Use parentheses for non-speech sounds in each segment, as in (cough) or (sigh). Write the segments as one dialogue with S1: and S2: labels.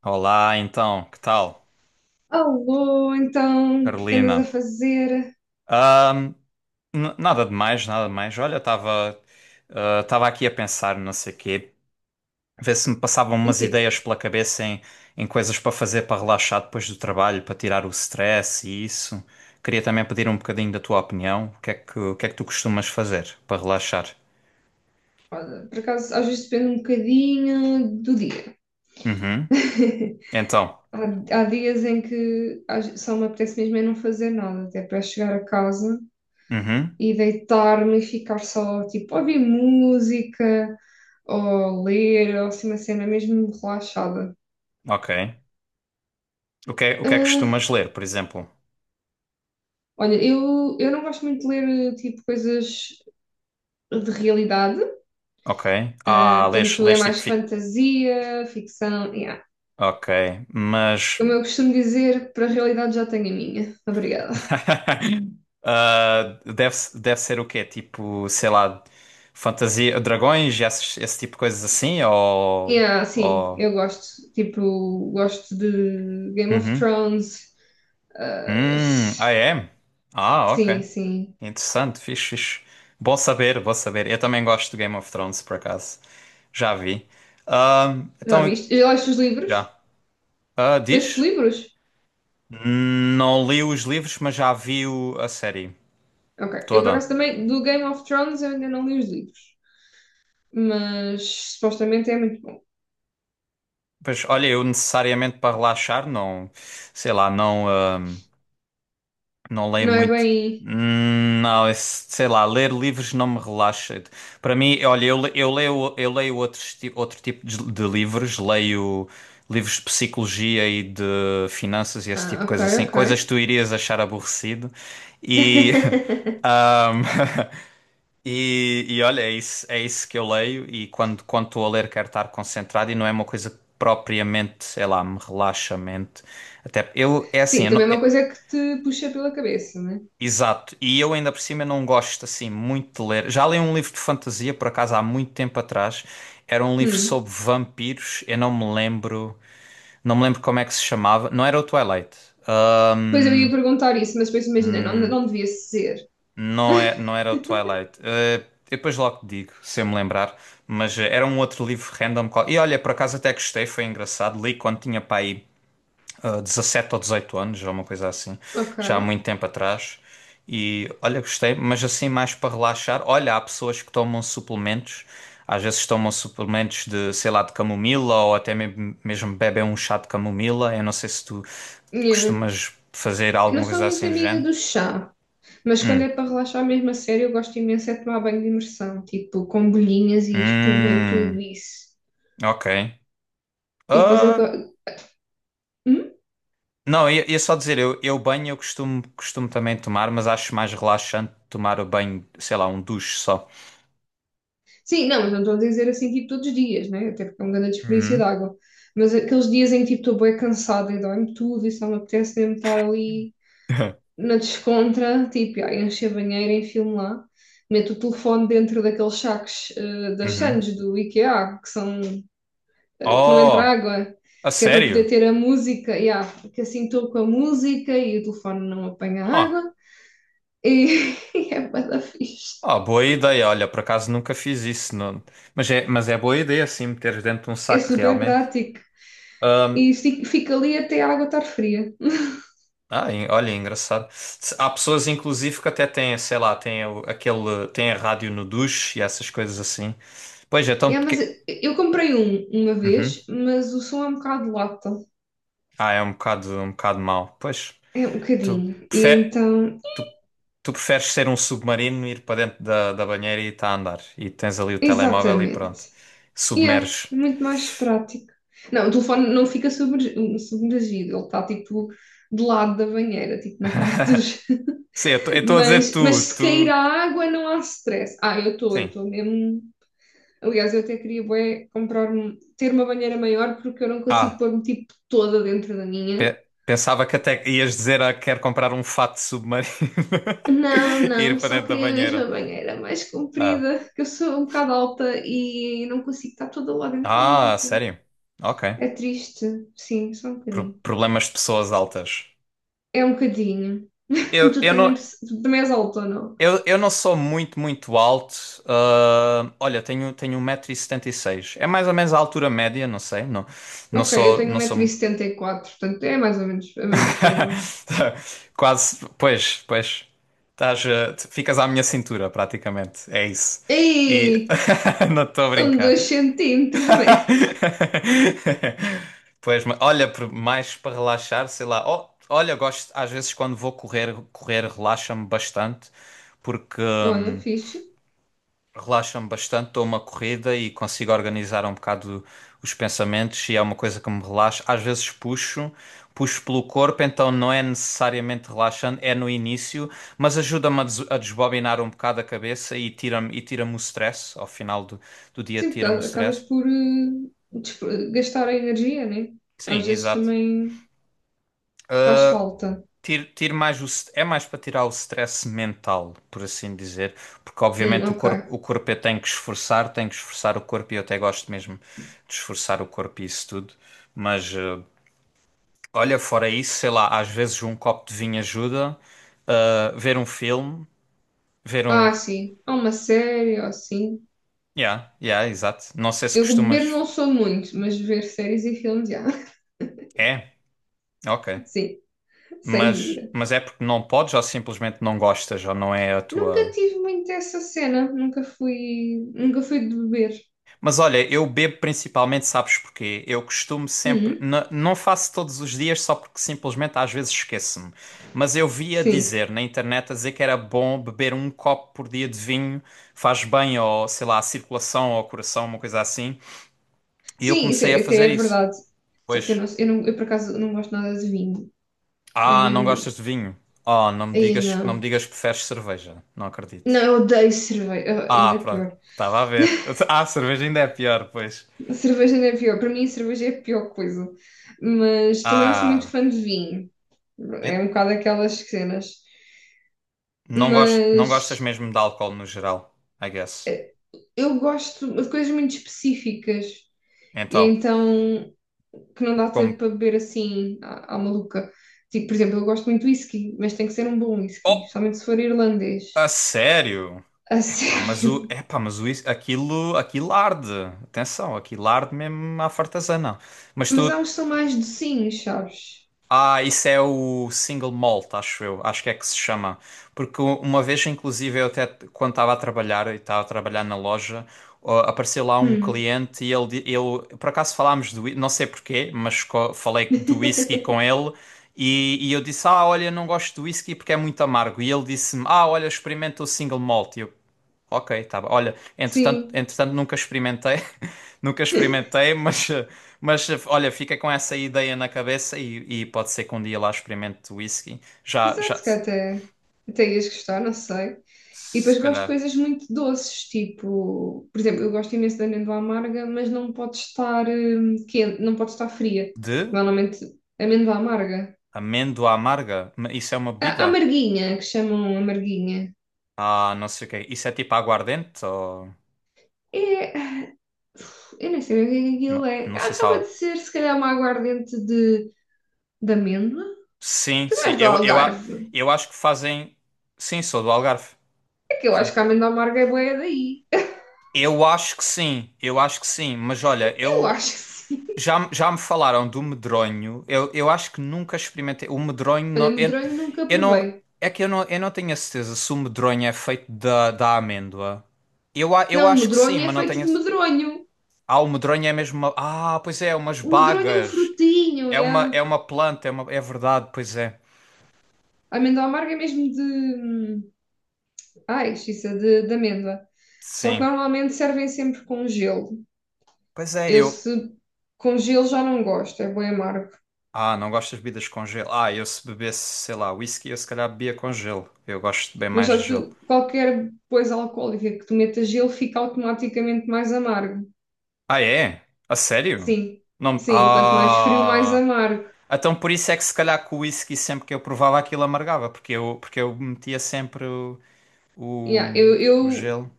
S1: Olá, então, que tal,
S2: Alô, então, o que é que andas a
S1: Carolina?
S2: fazer?
S1: Ahm, nada demais, nada demais. Olha, estava aqui a pensar, não sei quê, ver se me passavam
S2: Em
S1: umas
S2: quê?
S1: ideias pela cabeça em coisas para fazer para relaxar depois do trabalho, para tirar o stress e isso. Queria também pedir um bocadinho da tua opinião. O que é que tu costumas fazer para relaxar?
S2: Olha, por acaso, às vezes depende um bocadinho do dia.
S1: Uhum. Então,
S2: Há dias em que só me apetece mesmo é não fazer nada, até para chegar a casa
S1: uhum.
S2: e deitar-me e ficar só, tipo, a ouvir música, ou ler, ou assim uma cena mesmo relaxada.
S1: Ok. O que é que
S2: Ah,
S1: costumas ler, por exemplo?
S2: olha, eu não gosto muito de ler, tipo, coisas de realidade,
S1: Ok.
S2: ah,
S1: Ah, lês,
S2: portanto, é
S1: lês tipo
S2: mais fantasia, ficção, yeah.
S1: Ok, mas.
S2: Como eu costumo dizer, para a realidade já tenho a minha. Obrigada.
S1: (laughs) Ah, deve ser o quê? Tipo, sei lá, fantasia, dragões, esse tipo de coisas assim?
S2: E ah, sim,
S1: Ou...
S2: eu gosto. Tipo, gosto de Game of
S1: Uhum.
S2: Thrones. Ah,
S1: Ah, é? Ah,
S2: sim,
S1: ok.
S2: sim.
S1: Interessante, fixe, fixe. Bom saber, bom saber. Eu também gosto do Game of Thrones, por acaso. Já vi. Ah,
S2: Já
S1: então,
S2: viste? Já leste os livros?
S1: já. Ah,
S2: Leste os
S1: diz?
S2: livros?
S1: Não li os livros, mas já vi a série
S2: Ok. Eu, por
S1: toda.
S2: acaso, também do Game of Thrones eu ainda não li os livros. Mas supostamente é muito bom.
S1: Pois, olha, eu necessariamente para relaxar, sei lá, não leio
S2: Não é
S1: muito.
S2: bem.
S1: Não, sei lá, ler livros não me relaxa. Para mim, olha, eu leio outros, outro tipo de livros, leio livros de psicologia e de finanças e esse tipo
S2: Ah,
S1: de
S2: ok,
S1: coisa assim,
S2: ok.
S1: coisas que tu irias achar aborrecido. E, (laughs)
S2: (laughs)
S1: ahm, (laughs) e olha, é isso que eu leio e quando estou a ler quero estar concentrado e não é uma coisa que propriamente, sei lá, me relaxa a mente. Até eu, é assim,
S2: Sim,
S1: eu não-
S2: também é uma
S1: é,
S2: coisa que te puxa pela cabeça, né?
S1: exato, e eu ainda por cima não gosto assim muito de ler. Já li um livro de fantasia, por acaso, há muito tempo atrás. Era um livro
S2: Hum.
S1: sobre vampiros, eu não me lembro como é que se chamava. Não era o Twilight. Ah,
S2: Pois eu ia perguntar isso, mas depois imaginei, não, não devia ser.
S1: Não era o Twilight. Eu depois logo te digo, se eu me lembrar. Mas era um outro livro random. E olha, por acaso até gostei, foi engraçado. Li quando tinha para aí, 17 ou 18 anos, ou uma coisa assim,
S2: Ok.
S1: já há muito tempo atrás. E olha, gostei, mas assim mais para relaxar. Olha, há pessoas que tomam suplementos, às vezes tomam suplementos de, sei lá, de camomila ou até mesmo bebem um chá de camomila. Eu não sei se tu
S2: Yeah.
S1: costumas fazer
S2: Eu não
S1: alguma
S2: sou
S1: coisa
S2: muito
S1: assim do
S2: amiga
S1: género.
S2: do chá, mas quando
S1: Hum.
S2: é para relaxar mesmo a sério, eu gosto imenso é de tomar banho de imersão, tipo com bolhinhas e espuma e tudo
S1: Hum,
S2: isso.
S1: ok.
S2: E depois
S1: Ah,
S2: Hum?
S1: não, ia só dizer, eu banho eu costumo também tomar, mas acho mais relaxante tomar o banho, sei lá, um duche só.
S2: Sim, não, mas não estou a dizer assim tipo todos os dias, né? Até porque é um grande desperdício de
S1: Uhum.
S2: água. Mas aqueles dias em que tipo estou bem cansada e dói-me tudo e só me apetece mesmo estar ali
S1: (laughs)
S2: na descontra, tipo, ai, encher a banheira, enfio-me lá. Meto o telefone dentro daqueles sacos eh, das
S1: Uhum.
S2: Sands do IKEA, que são eh, que não entra
S1: Oh,
S2: água,
S1: a
S2: que é para poder
S1: sério?
S2: ter a música, yeah, que assim estou com a música e o telefone não apanha
S1: Huh.
S2: água, e (laughs) e é bué da fixe.
S1: Oh, boa ideia. Olha, por acaso nunca fiz isso. Não. Mas é boa ideia, assim, meteres dentro de um
S2: É
S1: saco
S2: super
S1: realmente.
S2: prático.
S1: Ahm,
S2: E fica ali até a água estar fria.
S1: olha, engraçado. Há pessoas, inclusive, que até têm, sei lá, têm aquele, têm a rádio no duche e essas coisas assim. Pois, então.
S2: Yeah, mas
S1: Que.
S2: eu comprei um uma
S1: Uhum.
S2: vez, mas o som é um bocado lata.
S1: Ah, é um bocado mau. Pois,
S2: É um
S1: tu,
S2: bocadinho. E
S1: prefe-
S2: então,
S1: tu, tu preferes ser um submarino, ir para dentro da banheira e está a andar. E tens ali o telemóvel e
S2: exatamente.
S1: pronto,
S2: E é
S1: submerges.
S2: muito mais prático. Não, o telefone não fica submergido, ele está tipo do lado da banheira, tipo na parte
S1: (laughs)
S2: dos...
S1: Sim, eu estou a dizer
S2: Mas
S1: tu,
S2: se cair a
S1: tu.
S2: água não há stress. Ah, eu
S1: Sim.
S2: estou mesmo. Aliás, eu até queria bué, comprar, ter uma banheira maior porque eu não consigo
S1: Ah,
S2: pôr-me tipo toda dentro da minha.
S1: pensava que até ias dizer ah, quero comprar um fato submarino.
S2: Não,
S1: (laughs) E
S2: não,
S1: ir para
S2: só
S1: dentro da
S2: queria mesmo a
S1: banheira.
S2: banheira mais
S1: Ah,
S2: comprida, que eu sou um bocado alta e não consigo estar toda lá dentro ao mesmo
S1: ah,
S2: tempo.
S1: sério? Ok.
S2: É triste, sim, só um bocadinho.
S1: Problemas de pessoas altas.
S2: É um bocadinho. (laughs)
S1: Eu,
S2: Tu
S1: eu
S2: também,
S1: não,
S2: tu também és alta, ou não?
S1: eu não sou muito, muito alto. Ah, olha, tenho 1,76 m. É mais ou menos a altura média, não sei. Não, não
S2: Ok, eu
S1: sou,
S2: tenho um
S1: não
S2: metro e
S1: sou.
S2: setenta e quatro portanto é mais ou menos a mesma coisa.
S1: (laughs) Quase, pois, pois. Tu ficas à minha cintura, praticamente. É isso. E
S2: Ei!
S1: (laughs) não estou a
S2: São
S1: brincar.
S2: 2 cm, né?
S1: (laughs) Pois, olha, mais para relaxar, sei lá. Oh, olha, gosto, às vezes quando vou correr, correr relaxa-me bastante, porque
S2: Olha, fixe.
S1: relaxa-me bastante, dou uma corrida e consigo organizar um bocado os pensamentos e é uma coisa que me relaxa. Às vezes puxo pelo corpo, então não é necessariamente relaxante, é no início, mas ajuda-me a desbobinar um bocado a cabeça e tira-me o stress, ao final do dia
S2: Sim,
S1: tira-me o
S2: porque acabas
S1: stress.
S2: por eh, gastar a energia, né? Às
S1: Sim,
S2: vezes
S1: exato.
S2: também faz falta.
S1: Tire mais é mais para tirar o stress mental, por assim dizer, porque obviamente o
S2: Ok.
S1: corpo, o corpo eu tenho que esforçar o corpo e eu até gosto mesmo de esforçar o corpo e isso tudo, mas olha, fora isso, sei lá, às vezes um copo de vinho ajuda, ver um filme, ver um.
S2: Ah, sim. Há uma série, ou assim.
S1: Yeah, yeah, exato. Não sei se
S2: Eu de beber
S1: costumas.
S2: não sou muito, mas ver séries e filmes, já. (laughs)
S1: É, ok.
S2: Sim, sem
S1: Mas,
S2: dúvida.
S1: mas é porque não podes ou simplesmente não gostas ou não é a
S2: Nunca
S1: tua.
S2: tive muito essa cena. Nunca fui, nunca fui de beber.
S1: Mas olha, eu bebo principalmente, sabes porquê? Eu costumo sempre,
S2: Uhum.
S1: não faço todos os dias só porque simplesmente às vezes esqueço-me. Mas eu via
S2: Sim.
S1: dizer na internet a dizer que era bom beber um copo por dia de vinho, faz bem ao, sei lá, à circulação, ao coração, uma coisa assim. E eu
S2: Sim, isso
S1: comecei a
S2: é- até é
S1: fazer isso.
S2: verdade. Só que eu,
S1: Pois,
S2: não, eu, não, eu por acaso não gosto nada de vinho. É
S1: ah, não
S2: mesmo.
S1: gostas de vinho? Oh, não me
S2: Aí
S1: digas, não me
S2: não.
S1: digas que preferes cerveja. Não
S2: Não,
S1: acredito.
S2: eu odeio cerveja, ah,
S1: Ah,
S2: ainda é
S1: pronto,
S2: pior.
S1: estava a ver. (laughs) Ah, cerveja ainda é pior, pois.
S2: A cerveja ainda é pior. Para mim, a cerveja é a pior coisa. Mas também não sou muito
S1: Ah.
S2: fã de vinho. É um bocado aquelas cenas.
S1: Não
S2: Mas
S1: gostas mesmo de álcool no geral, I guess.
S2: eu gosto de coisas muito específicas. E
S1: Então,
S2: então, que não dá tempo
S1: como.
S2: para beber assim, à, à maluca. Tipo, por exemplo, eu gosto muito de whisky, mas tem que ser um bom whisky,
S1: Oh,
S2: especialmente se for irlandês.
S1: a sério?
S2: A (laughs)
S1: Epá, mas o.
S2: sério.
S1: Aquilo, aquilo arde. Atenção, aquilo arde mesmo à fartazana. Mas
S2: Mas
S1: tu.
S2: há uns que são mais docinhos, sabes?
S1: Ah, isso é o single malt, acho eu. Acho que é que se chama. Porque uma vez, inclusive, eu até quando estava a trabalhar, e estava a trabalhar na loja, ó, apareceu lá um
S2: Hum.
S1: cliente e ele por acaso falámos não sei porquê, mas falei do whisky com
S2: (laughs)
S1: ele e, eu disse, ah, olha, não gosto do whisky porque é muito amargo. E ele disse-me, ah, olha, experimenta o single malt. E eu. Ok, tá bom. Olha, entretanto,
S2: Sim.
S1: entretanto nunca experimentei, (laughs) nunca experimentei, mas olha, fica com essa ideia na cabeça e, pode ser que um dia lá experimente whisky. Já, já,
S2: Exato, que
S1: se
S2: até, até ias gostar, não sei. E depois gosto de
S1: calhar.
S2: coisas muito doces, tipo, por exemplo, eu gosto imenso de amêndoa amarga, mas não pode estar quente, não pode estar fria.
S1: De
S2: Normalmente, amêndoa amarga.
S1: amêndoa amarga? Isso é uma
S2: A
S1: bebida?
S2: amarguinha, que chamam amarguinha.
S1: Ah, não sei o quê. Isso é tipo aguardente ou.
S2: É, eu nem sei o que é que aquilo
S1: Não,
S2: é.
S1: não
S2: Ah,
S1: sei se há.
S2: acaba de ser, se calhar, uma aguardente de amêndoa.
S1: Sim,
S2: Tu não
S1: sim.
S2: és do Algarve.
S1: Eu acho que fazem. Sim, sou do Algarve.
S2: É que eu
S1: Sim.
S2: acho que a amêndoa amarga é boa daí.
S1: Eu acho que sim, eu acho que sim, mas olha,
S2: Eu
S1: eu.
S2: acho que sim.
S1: Já, já me falaram do medronho. Eu acho que nunca experimentei. O medronho
S2: Olha,
S1: não, eu,
S2: medronho nunca
S1: eu não.
S2: provei.
S1: É que eu não tenho a certeza se o medronho é feito da amêndoa. Eu
S2: Não, o
S1: acho que
S2: medronho
S1: sim,
S2: é
S1: mas não
S2: feito
S1: tenho. A
S2: de medronho.
S1: Ah, o medronho é mesmo, pois é, umas
S2: O medronho é um
S1: bagas.
S2: frutinho,
S1: É uma,
S2: yeah.
S1: é uma planta, é verdade, pois é.
S2: A amêndoa amarga é mesmo de... Ai, justiça, de amêndoa. Só que
S1: Sim.
S2: normalmente servem sempre com gelo.
S1: Pois é,
S2: Eu,
S1: eu.
S2: se com gelo, já não gosto, é bem amargo.
S1: Ah, não gosto de bebidas com gelo. Ah, eu se bebesse, sei lá, whisky, eu se calhar bebia com gelo. Eu gosto bem
S2: Mas
S1: mais de
S2: sabes,
S1: gelo.
S2: tu, qualquer coisa alcoólica que tu metas gelo fica automaticamente mais amargo.
S1: Ah, é? A sério?
S2: Sim,
S1: Não.
S2: sim, quanto mais frio, mais
S1: Ah.
S2: amargo.
S1: Então por isso é que se calhar com o whisky sempre que eu provava aquilo amargava, porque eu metia sempre o,
S2: Yeah, eu,
S1: o
S2: eu
S1: gelo.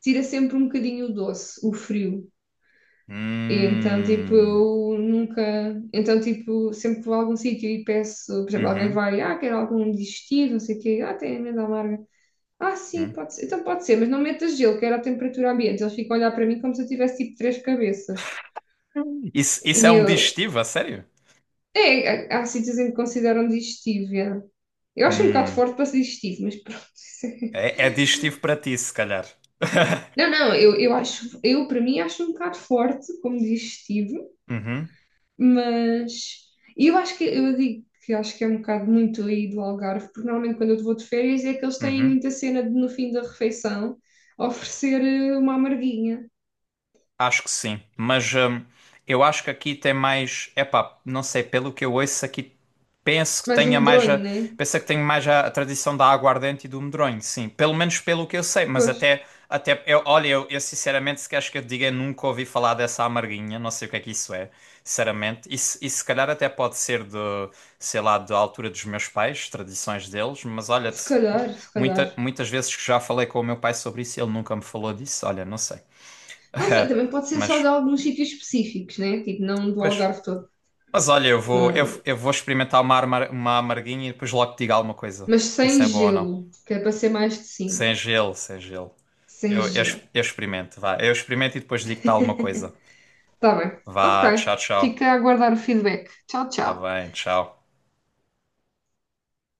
S2: tira sempre um bocadinho o doce, o frio. E então, tipo,
S1: Hum.
S2: eu nunca... Então, tipo, sempre que vou a algum sítio e peço, por exemplo, alguém
S1: Uhum.
S2: vai, ah, quero algum digestivo, não sei o quê, ah, tem amêndoa amarga. Ah, sim,
S1: Hum.
S2: pode ser. Então pode ser, mas não metas gelo, quero a temperatura ambiente. Eles ficam a olhar para mim como se eu tivesse tipo três cabeças.
S1: Isso é
S2: E
S1: um
S2: eu...
S1: digestivo, a sério?
S2: É, há sítios em que consideram digestivo. É. Eu acho um bocado
S1: Hum.
S2: forte para ser digestivo, mas pronto.
S1: É digestivo para ti, se calhar.
S2: (laughs)
S1: (laughs)
S2: Não, não, eu acho. Eu, para mim, acho um bocado forte como digestivo.
S1: Uhum.
S2: Mas e eu acho que eu digo que acho que é um bocado muito aí do Algarve, porque normalmente quando eu vou de férias é que eles têm
S1: Uhum.
S2: muita cena de no fim da refeição oferecer eh, uma amarguinha,
S1: Acho que sim, mas eu acho que aqui tem mais, epá, não sei, pelo que eu ouço aqui, penso que
S2: mais um
S1: tenha mais
S2: medronho,
S1: a,
S2: né?
S1: penso que tenho mais a tradição da aguardente e do medronho, sim, pelo menos pelo que eu sei, mas
S2: Pois,
S1: até eu, olha, eu sinceramente, se queres que eu te diga, eu nunca ouvi falar dessa amarguinha, não sei o que é que isso é, sinceramente, e, e se calhar até pode ser de, sei lá, da altura dos meus pais, tradições deles, mas olha,
S2: se calhar, se calhar.
S1: muitas vezes que já falei com o meu pai sobre isso, ele nunca me falou disso, olha, não sei.
S2: Não sei,
S1: (laughs)
S2: também pode ser
S1: Mas,
S2: só de alguns sítios específicos, né? Tipo, não do
S1: pois.
S2: Algarve todo,
S1: Mas olha, eu vou, eu,
S2: não.
S1: eu vou experimentar uma amarguinha e depois logo te digo alguma coisa.
S2: Mas
S1: Ver
S2: sem
S1: se é bom ou não.
S2: gelo, que é para ser mais de... sim,
S1: Sem gelo, sem gelo.
S2: sem gelo.
S1: Eu experimento, vá. Eu experimento e depois digo-te alguma coisa.
S2: Tá bem, ok.
S1: Vá, tchau, tchau.
S2: Fica a aguardar o feedback. Tchau,
S1: Tá
S2: tchau.
S1: bem, tchau.